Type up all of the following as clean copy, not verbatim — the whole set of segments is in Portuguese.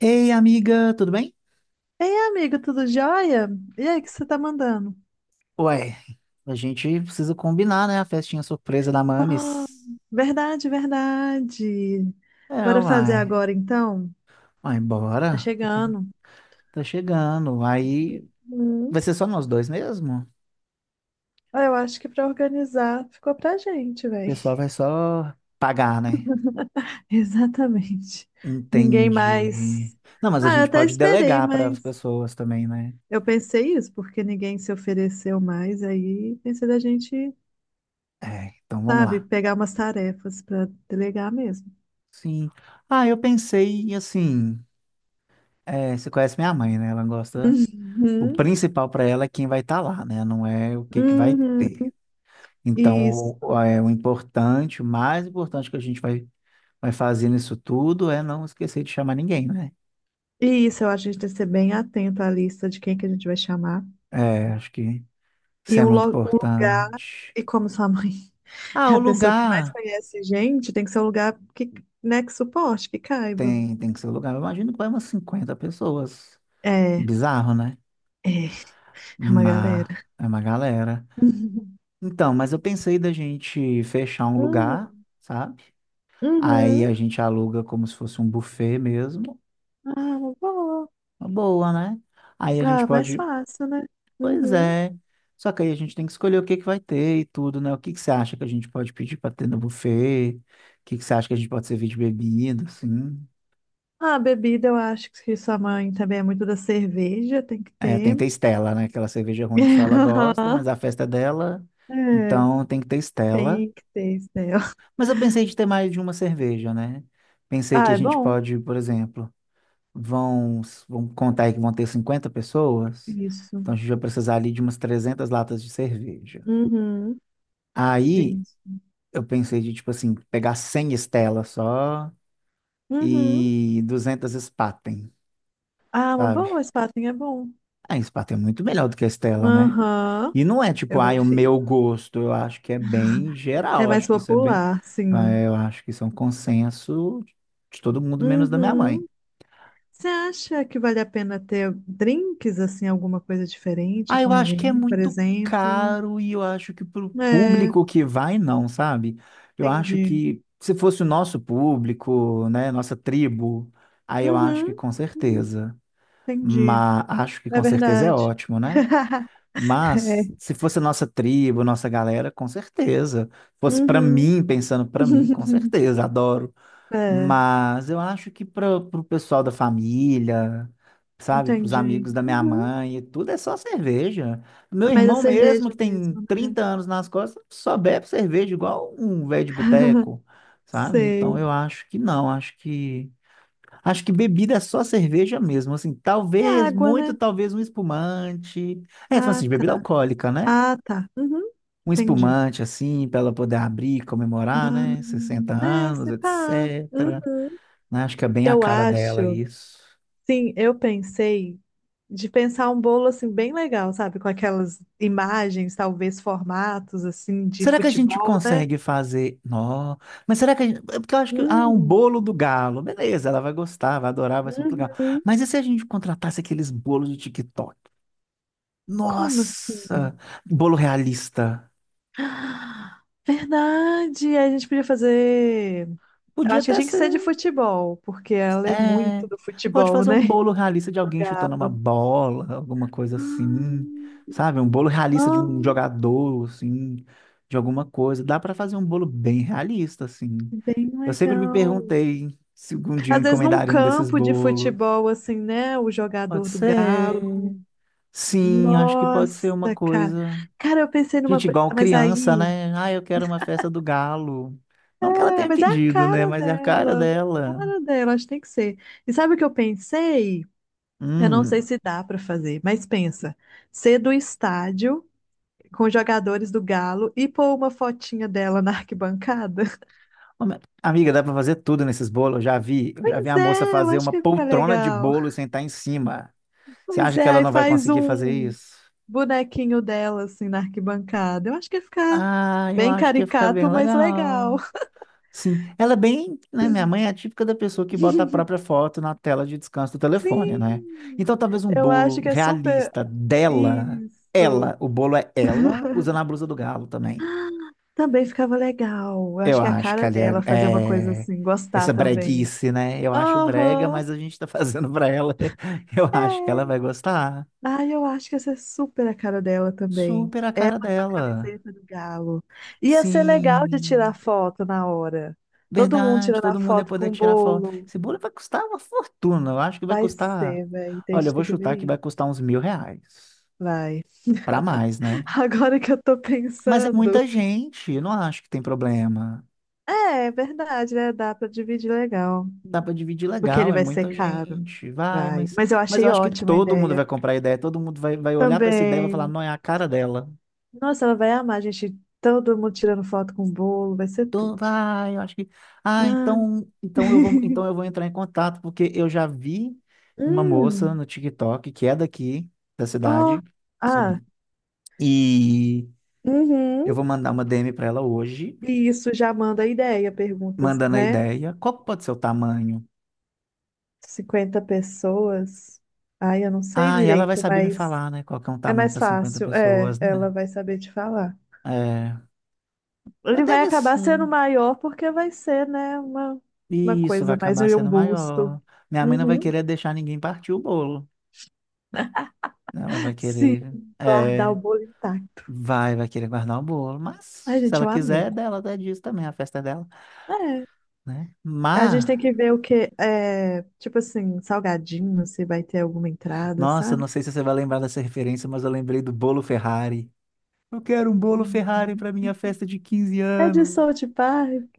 Ei, amiga, tudo bem? Ei, amigo, tudo jóia? E aí, o que você tá mandando? Ué, a gente precisa combinar, né? A festinha surpresa da Ah, Mamis. verdade, verdade. É, Bora fazer uai. agora, então? Uai, Tá bora. Tá chegando. tá chegando. Aí Hum. vai ser só nós dois mesmo? O Ah, eu acho que pra organizar ficou pra gente, velho. pessoal vai só pagar, né? Exatamente. Ninguém Entendi. mais. Não, mas a Ah, eu gente até pode esperei, delegar para as mas pessoas também, né? eu pensei isso, porque ninguém se ofereceu mais. Aí pensei da gente, É, então vamos sabe, lá. pegar umas tarefas pra delegar mesmo. Sim. Ah, eu pensei assim. É, você conhece minha mãe, né? Ela gosta. O Uhum. principal para ela é quem vai estar lá, né? Não é o que que vai ter. Uhum. Isso. Então, o importante, o mais importante que a gente vai fazer nisso tudo é não esquecer de chamar ninguém, né? E isso, eu acho que a gente tem que ser bem atento à lista de quem que a gente vai chamar. É, acho que isso E é um, muito um lugar, importante. e como sua mãe Ah, é o a pessoa que mais lugar conhece gente, tem que ser um lugar que, né, que suporte, que caiba. tem que ser o lugar. Eu imagino que vai umas 50 pessoas. É, Bizarro, né? é, é uma Mas galera. é uma galera. Uhum. Então, mas eu pensei da gente fechar um Hum, lugar, sabe? Aí a uhum. gente aluga como se fosse um buffet mesmo. Ah, boa. Uma boa, né? Aí a gente Ah, mais pode. fácil, né? Pois Uhum. é. Só que aí a gente tem que escolher o que que vai ter e tudo, né? O que que você acha que a gente pode pedir para ter no buffet? O que que você acha que a gente pode servir de bebida, assim? Ah, bebida, eu acho que sua mãe também é muito da cerveja, tem que É, tem ter. que ter Stella, né? Aquela cerveja ruim que só ela gosta, mas a festa é dela, É, então tem que ter Stella. tem que ter, Estel. Mas eu pensei de ter mais de uma cerveja, né? Pensei que Ah, a é gente bom. pode, por exemplo, vão, vão contar aí que vão ter 50 pessoas, Isso. então a gente vai precisar ali de umas 300 latas de cerveja. Uhum. Aí Isso. eu pensei de, tipo assim, pegar 100 estelas só Uhum. e 200 Spaten, Ah, uma sabe? boa, Spaten é bom. A Spaten é muito melhor do que a Estela, né? Aham, E não é tipo, eu ai, o prefiro. meu gosto. Eu acho que é bem É geral. mais Acho que isso é bem. popular, sim. Eu acho que isso é um consenso de todo mundo, menos da minha mãe. Uhum. Você acha que vale a pena ter drinks, assim, alguma coisa diferente, Ah, eu com acho que é gin, por muito exemplo? caro e eu acho que pro É, público que vai, não, sabe? Eu acho entendi. que se fosse o nosso público, né, nossa tribo, aí eu acho que Uhum, com uhum, certeza. entendi. Mas acho que É com certeza é verdade. ótimo, né? Mas É. se fosse nossa tribo, nossa galera, com certeza. Fosse para Uhum. mim, pensando para mim, com certeza, adoro. É, Mas eu acho que para o pessoal da família, sabe, para os entendi. amigos da minha Uhum. mãe, e tudo é só cerveja. Meu Mas a irmão mesmo, cerveja que tem mesmo, né? 30 anos nas costas, só bebe cerveja igual um velho de boteco, sabe? Então Sei. eu acho que não, acho que bebida é só cerveja mesmo, assim, E a talvez, água, muito né? talvez um espumante. É, então, Ah, assim, de bebida tá. alcoólica, né? Ah, tá. Uhum. Um Entendi. espumante, assim, para ela poder abrir, e comemorar, né? Ah, 60 é, anos, se pá. Uhum. etc., né? Acho que é bem a Eu cara dela acho, isso. sim, eu pensei de pensar um bolo assim bem legal, sabe? Com aquelas imagens, talvez formatos assim de Será que a gente futebol, né? consegue fazer? Não, mas será que a gente. Porque eu acho que, ah, um Hum, bolo do galo. Beleza, ela vai gostar, vai adorar, vai ser muito legal. uhum. Mas e se a gente contratasse aqueles bolos de TikTok? Como assim? Nossa, bolo realista. Ah, verdade, a gente podia fazer. Eu Podia acho que até tinha que ser de ser. futebol, porque ela é É, muito do pode futebol, fazer um né? bolo realista de Do alguém chutando uma Galo. bola, alguma coisa assim, Ah, sabe? Um bolo realista de um ah, jogador, assim, de alguma coisa. Dá para fazer um bolo bem realista, assim. bem Eu sempre me legal. perguntei se algum dia eu Às vezes num encomendaria um desses campo de bolos. futebol, assim, né? O Pode jogador do ser. Galo. Sim, acho que pode ser Nossa, uma cara. coisa. Cara, eu pensei numa Gente, coisa. igual Mas criança, aí. né? Ah, eu quero uma festa do galo. Não que ela É, tenha mas é a pedido, né? cara Mas é a cara dela. A dela. cara dela, acho que tem que ser. E sabe o que eu pensei? Eu não sei Hum. se dá pra fazer, mas pensa. Ser do estádio com os jogadores do Galo e pôr uma fotinha dela na arquibancada. Ô, mas, amiga, dá pra fazer tudo nesses bolos. Eu já vi Pois a moça é, eu fazer acho uma que ia ficar poltrona de legal. bolo e sentar em cima. Você Pois acha que é, ela aí não vai faz conseguir fazer um isso? bonequinho dela, assim, na arquibancada. Eu acho que ia ficar Ah, eu bem acho que ia ficar bem caricato, mas legal. legal. Sim, ela é bem, né? Minha mãe é a típica da pessoa que bota a própria foto na tela de descanso do telefone, né? Sim, Então talvez um eu acho bolo que é super. realista dela, Isso. ela, o bolo é ela, usando a blusa do galo também. Também ficava legal. Eu Eu acho que é a acho que cara ali dela fazer uma coisa é assim, gostar essa também. breguice, né? Eu acho brega, Aham. mas a gente tá fazendo pra ela. Eu acho que ela É. vai gostar. Ah, eu acho que essa é super a cara dela também. Super a cara Com a dela. camiseta do Galo. Ia ser legal de tirar Sim, foto na hora. Todo mundo verdade, tirando a todo mundo ia foto poder com o tirar foto. bolo. Esse bolo vai custar uma fortuna. Eu acho que vai Vai custar. ser, velho. Tem Olha, gente eu que vou tem que ver chutar que vai isso. custar uns 1.000 reais. Vai. Pra mais, né? Agora que eu tô Mas é pensando. muita gente, eu não acho que tem problema. É, é verdade, né? Dá pra dividir legal. Dá para dividir Porque ele legal, é vai ser muita caro. gente. Vai, Vai. mas, Mas eu mas eu achei acho que ótima a todo mundo ideia. vai comprar a ideia, todo mundo vai olhar para essa ideia e vai falar, Também. não, é a cara dela. Nossa, ela vai amar, gente. Todo mundo tirando foto com o bolo. Vai ser Tô, tudo. vai, eu acho que. Ah, Ah. então, então eu vou, então eu vou entrar em contato, porque eu já vi uma moça Hum. no TikTok que é daqui da Ó. cidade. Ah. Sim. E Uhum. eu vou mandar uma DM para ela hoje, E isso já manda a ideia, perguntas, mandando a né? ideia. Qual que pode ser o tamanho? 50 pessoas. Ai, eu não sei Ah, e ela vai direito, saber me mas. falar, né? Qual que é um É tamanho mais para 50 fácil, é, pessoas, ela né? vai saber te falar. É, mas Ele vai deve acabar ser. sendo maior porque vai ser, né, uma E isso vai coisa mais acabar um sendo busto. maior. Minha mãe não vai Uhum. querer deixar ninguém partir o bolo, né? Ela vai Sim, querer, guardar o é, bolo intacto. vai, vai querer guardar o bolo. Mas Ai, se gente, ela eu amei. quiser, é dela, é disso também, a festa é dela, É, né? a Mas, gente tem que ver o que é, tipo assim, salgadinho, se vai ter alguma entrada, nossa, não sabe? sei se você vai lembrar dessa referência, mas eu lembrei do bolo Ferrari. Eu quero um bolo Ferrari para minha Uhum. festa de 15 É de anos, South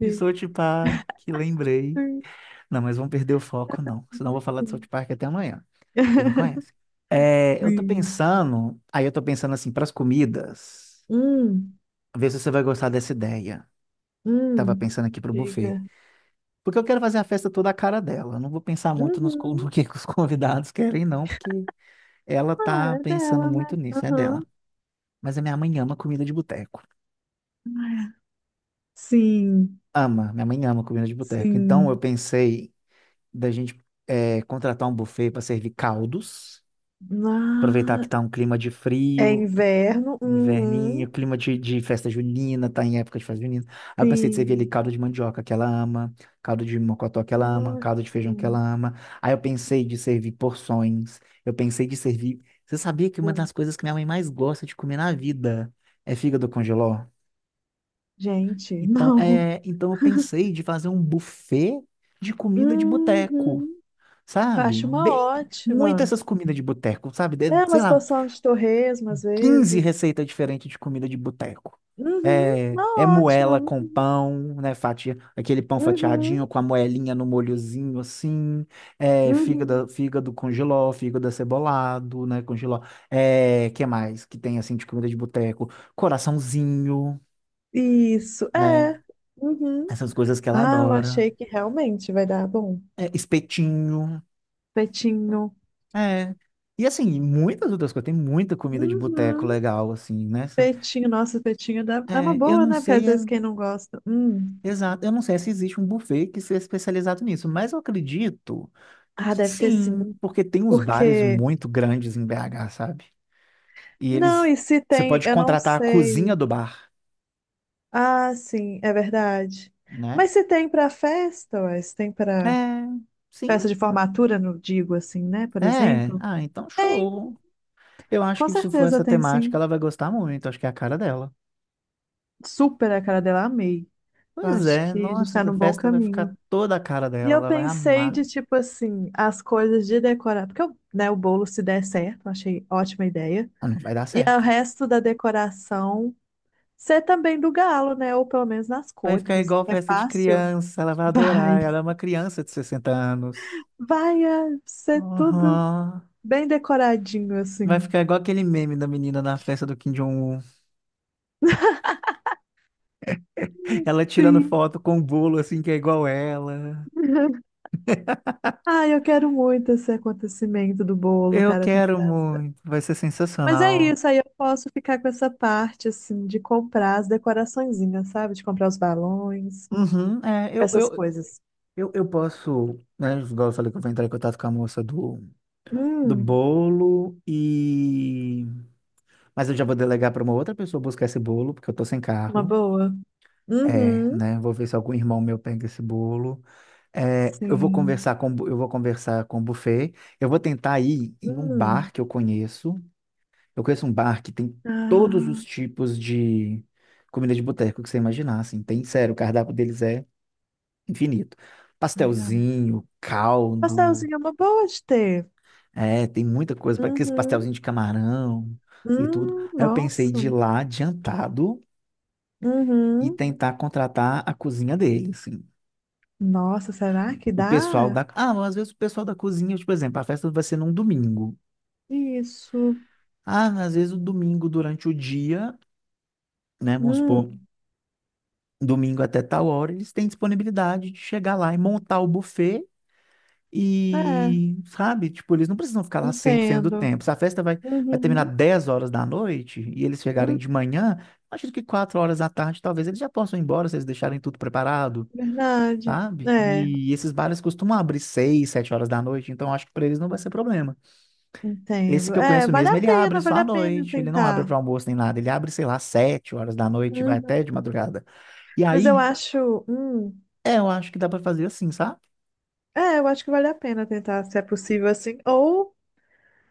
de Sochi Park, lembrei. Sim, Não, mas vão perder o foco, não. Senão eu vou falar de South sim. Park até amanhã. Você me conhece. É, eu tô Sim. pensando, aí eu tô pensando assim, para as comidas, Hum, ver se você vai gostar dessa ideia. Tava hum. pensando aqui pro buffet. Diga. Porque eu quero fazer a festa toda a cara dela. Eu não vou pensar muito nos Uhum. no que os convidados querem, não, porque ela Ah, tá é pensando dela, né? muito nisso, é dela. Mas a minha mãe ama comida de boteco. Sim, Ama, minha mãe ama comida de boteco. Então eu sim. pensei da gente contratar um buffet para servir caldos. Aproveitar que Ah, tá um clima de é frio, inverno. Uhum, inverninho, clima de festa junina, tá em época de festa junina. Aí eu pensei de servir ali sim. caldo de mandioca que ela ama, caldo de mocotó que ela ama, caldo de feijão que ela Ótimo. ama. Aí eu pensei de servir porções, eu pensei de servir. Você sabia que uma das coisas que minha mãe mais gosta de comer na vida é fígado congeló? Gente, Então, não. então eu pensei de fazer um buffet de comida de boteco, Uhum. sabe? Acho uma Bem, muito ótima. essas comidas de boteco, sabe? É, Sei umas lá, porção de torresmo às 15 vezes. receitas diferentes de comida de boteco. Uhum, É, uma moela ótima. com pão, né? Fatia, aquele pão Uhum, fatiadinho com a moelinha no molhozinho assim. É, uhum. fígado, fígado com jiló, fígado acebolado, né? Com jiló. É, que mais que tem assim de comida de boteco? Coraçãozinho, Isso, né? é. Uhum. Essas coisas que ela Ah, eu adora. achei que realmente vai dar bom. É, espetinho. Petinho. É. E assim, muitas outras coisas. Tem muita comida de boteco Uhum. legal, assim, né? Petinho, nossa, petinho dá... é uma É, eu boa, não né? Porque às sei. Vezes quem não gosta. Hum. Exato. Eu não sei se existe um buffet que seja especializado nisso, mas eu acredito Ah, que deve ter sim, sim. porque tem uns bares Porque. muito grandes em BH, sabe? E Não, eles, e se você tem, pode eu não contratar a cozinha sei. do bar, Ah, sim, é verdade. né? Mas se tem pra festa, ué, se tem pra É, sim, festa de formatura, não digo assim, né? Por é. exemplo, Ah, então tem, show. Eu acho com que se for certeza essa tem temática, sim. ela vai gostar muito. Acho que é a cara dela. Super a cara dela, amei. Eu Pois acho é, que a gente nossa, tá essa num bom festa vai caminho. ficar toda a cara E dela. eu Ela vai pensei amar. de tipo assim, as coisas de decorar, porque eu, né, o bolo se der certo, eu achei ótima ideia. Ah, não vai dar E o certo, velho. resto da decoração ser também do galo, né? Ou pelo menos nas Vai cores. ficar Assim. igual É festa de fácil? criança. Ela vai Vai. adorar. Ela é uma criança de 60 anos. Vai é, ser tudo Aham. bem decoradinho, Vai assim. ficar igual aquele meme da menina na festa do Kim Jong-un. Ela tirando Sim. foto com um bolo assim que é igual ela. Ai, eu quero muito esse acontecimento do bolo, Eu cara, tem que quero dar. muito. Vai ser Mas é sensacional. isso, aí eu posso ficar com essa parte, assim, de comprar as decoraçõezinhas, sabe? De comprar os balões, Uhum, é, eu, essas eu, coisas. eu, eu posso, né? Igual eu falei que eu vou entrar em contato com a moça do, Hum, bolo e. Mas eu já vou delegar para uma outra pessoa buscar esse bolo, porque eu tô sem uma carro. boa. É, Uhum, né? Vou ver se algum irmão meu pega esse bolo. É, sim. Eu vou conversar com o buffet. Eu vou tentar ir em um Hum. bar que eu conheço. Eu conheço um bar que tem todos Ah, os tipos de comida de boteco que você imaginar, assim. Tem, sério, o cardápio deles é infinito. legal. Pastelzinho, caldo, Pastelzinho é uma boa de ter. Tem muita coisa, para aqueles Uhum. pastelzinho de camarão e tudo. Aí eu pensei Nossa. de ir lá adiantado e Uhum. tentar contratar a cozinha deles, assim. Nossa, será que O pessoal dá? da. Ah, mas às vezes o pessoal da cozinha, tipo, por exemplo, a festa vai ser num domingo. Isso. Ah, mas às vezes o domingo durante o dia, né? Vamos Hum, supor, domingo até tal hora, eles têm disponibilidade de chegar lá e montar o buffet é, e, sabe? Tipo, eles não precisam ficar lá 100% do entendo. tempo. Se a festa vai terminar Uhum. 10 horas da noite e eles chegarem Hum, de manhã, acho que 4 horas da tarde talvez eles já possam ir embora se eles deixarem tudo preparado, verdade. sabe? É, E esses bares costumam abrir 6 7 horas da noite, então acho que para eles não vai ser problema. Esse entendo. que eu É, conheço mesmo, ele abre só vale à a pena noite, ele não abre tentar. para almoço nem nada, ele abre, sei lá, 7 horas da noite, vai Uhum. até de madrugada. E Mas eu aí, acho, eu acho que dá para fazer assim, sabe? é, eu acho que vale a pena tentar, se é possível assim. Ou,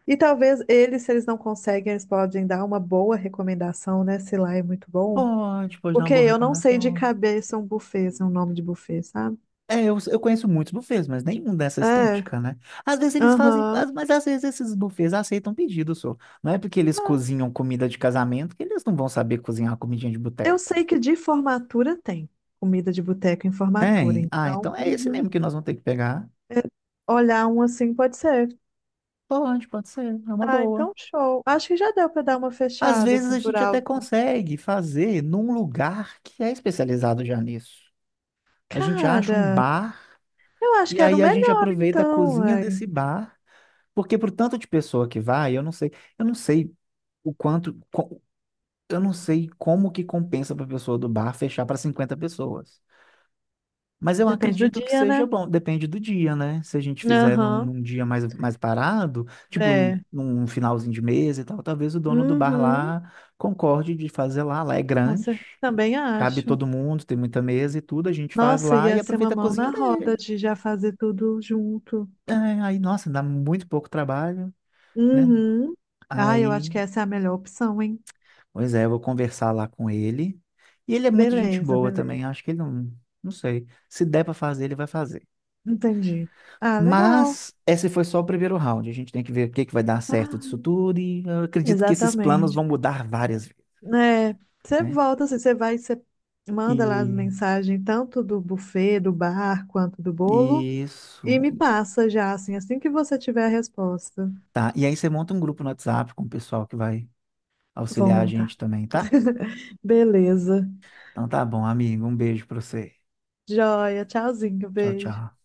e talvez eles, se eles não conseguem, eles podem dar uma boa recomendação, né? Se lá é muito bom. Pode dar uma Porque boa eu não sei de recomendação. cabeça um buffet, se é um nome de buffet, sabe? É, eu conheço muitos buffets, mas nenhum dessa É, estética, né? Às vezes eles fazem, aham. Mas às vezes esses buffets aceitam pedido, só. Não é porque eles Mas cozinham comida de casamento que eles não vão saber cozinhar uma comidinha de eu boteco. sei que de formatura tem comida de boteco em formatura, Tem? Ah, então então é esse uhum, mesmo que nós vamos ter que pegar. é, olhar um assim pode ser. Pode ser, é uma Ah, boa. então show. Acho que já deu pra dar uma Às fechada vezes assim a por gente até alto. consegue fazer num lugar que é especializado já nisso. A gente acha um Cara, bar eu acho e que era o aí a gente melhor aproveita a então, cozinha ué. desse bar, porque pro tanto de pessoa que vai, eu não sei o quanto, eu não sei como que compensa para a pessoa do bar fechar para 50 pessoas. Mas eu Depende do acredito que dia, seja né? bom, depende do dia, né? Se a gente fizer num, Aham, num dia mais parado, tipo num é. num finalzinho de mês e tal, talvez o dono do bar Uhum, lá concorde de fazer lá, lá é com grande. certeza, também Cabe acho. todo mundo, tem muita mesa e tudo, a gente faz Nossa, lá e ia ser uma aproveita a mão na cozinha roda dele. de já fazer tudo junto. É, aí, nossa, dá muito pouco trabalho, né? Uhum. Ah, eu acho Aí, que essa é a melhor opção, hein? pois é, eu vou conversar lá com ele. E ele é muito gente Beleza, boa beleza. também, acho que ele não, não sei. Se der para fazer, ele vai fazer. Entendi. Ah, legal. Mas esse foi só o primeiro round. A gente tem que ver o que que vai dar certo disso tudo e eu acredito que esses planos Exatamente. vão mudar várias vezes, É, você né? volta, assim, você vai, você manda lá as E mensagens, tanto do buffet, do bar, quanto do bolo, isso. e me passa já, assim, assim que você tiver a resposta. Tá. E aí você monta um grupo no WhatsApp com o pessoal que vai Vou auxiliar a montar. gente também, tá? Beleza. Então tá bom, amigo. Um beijo pra você. Joia, tchauzinho, Tchau, beijo. tchau.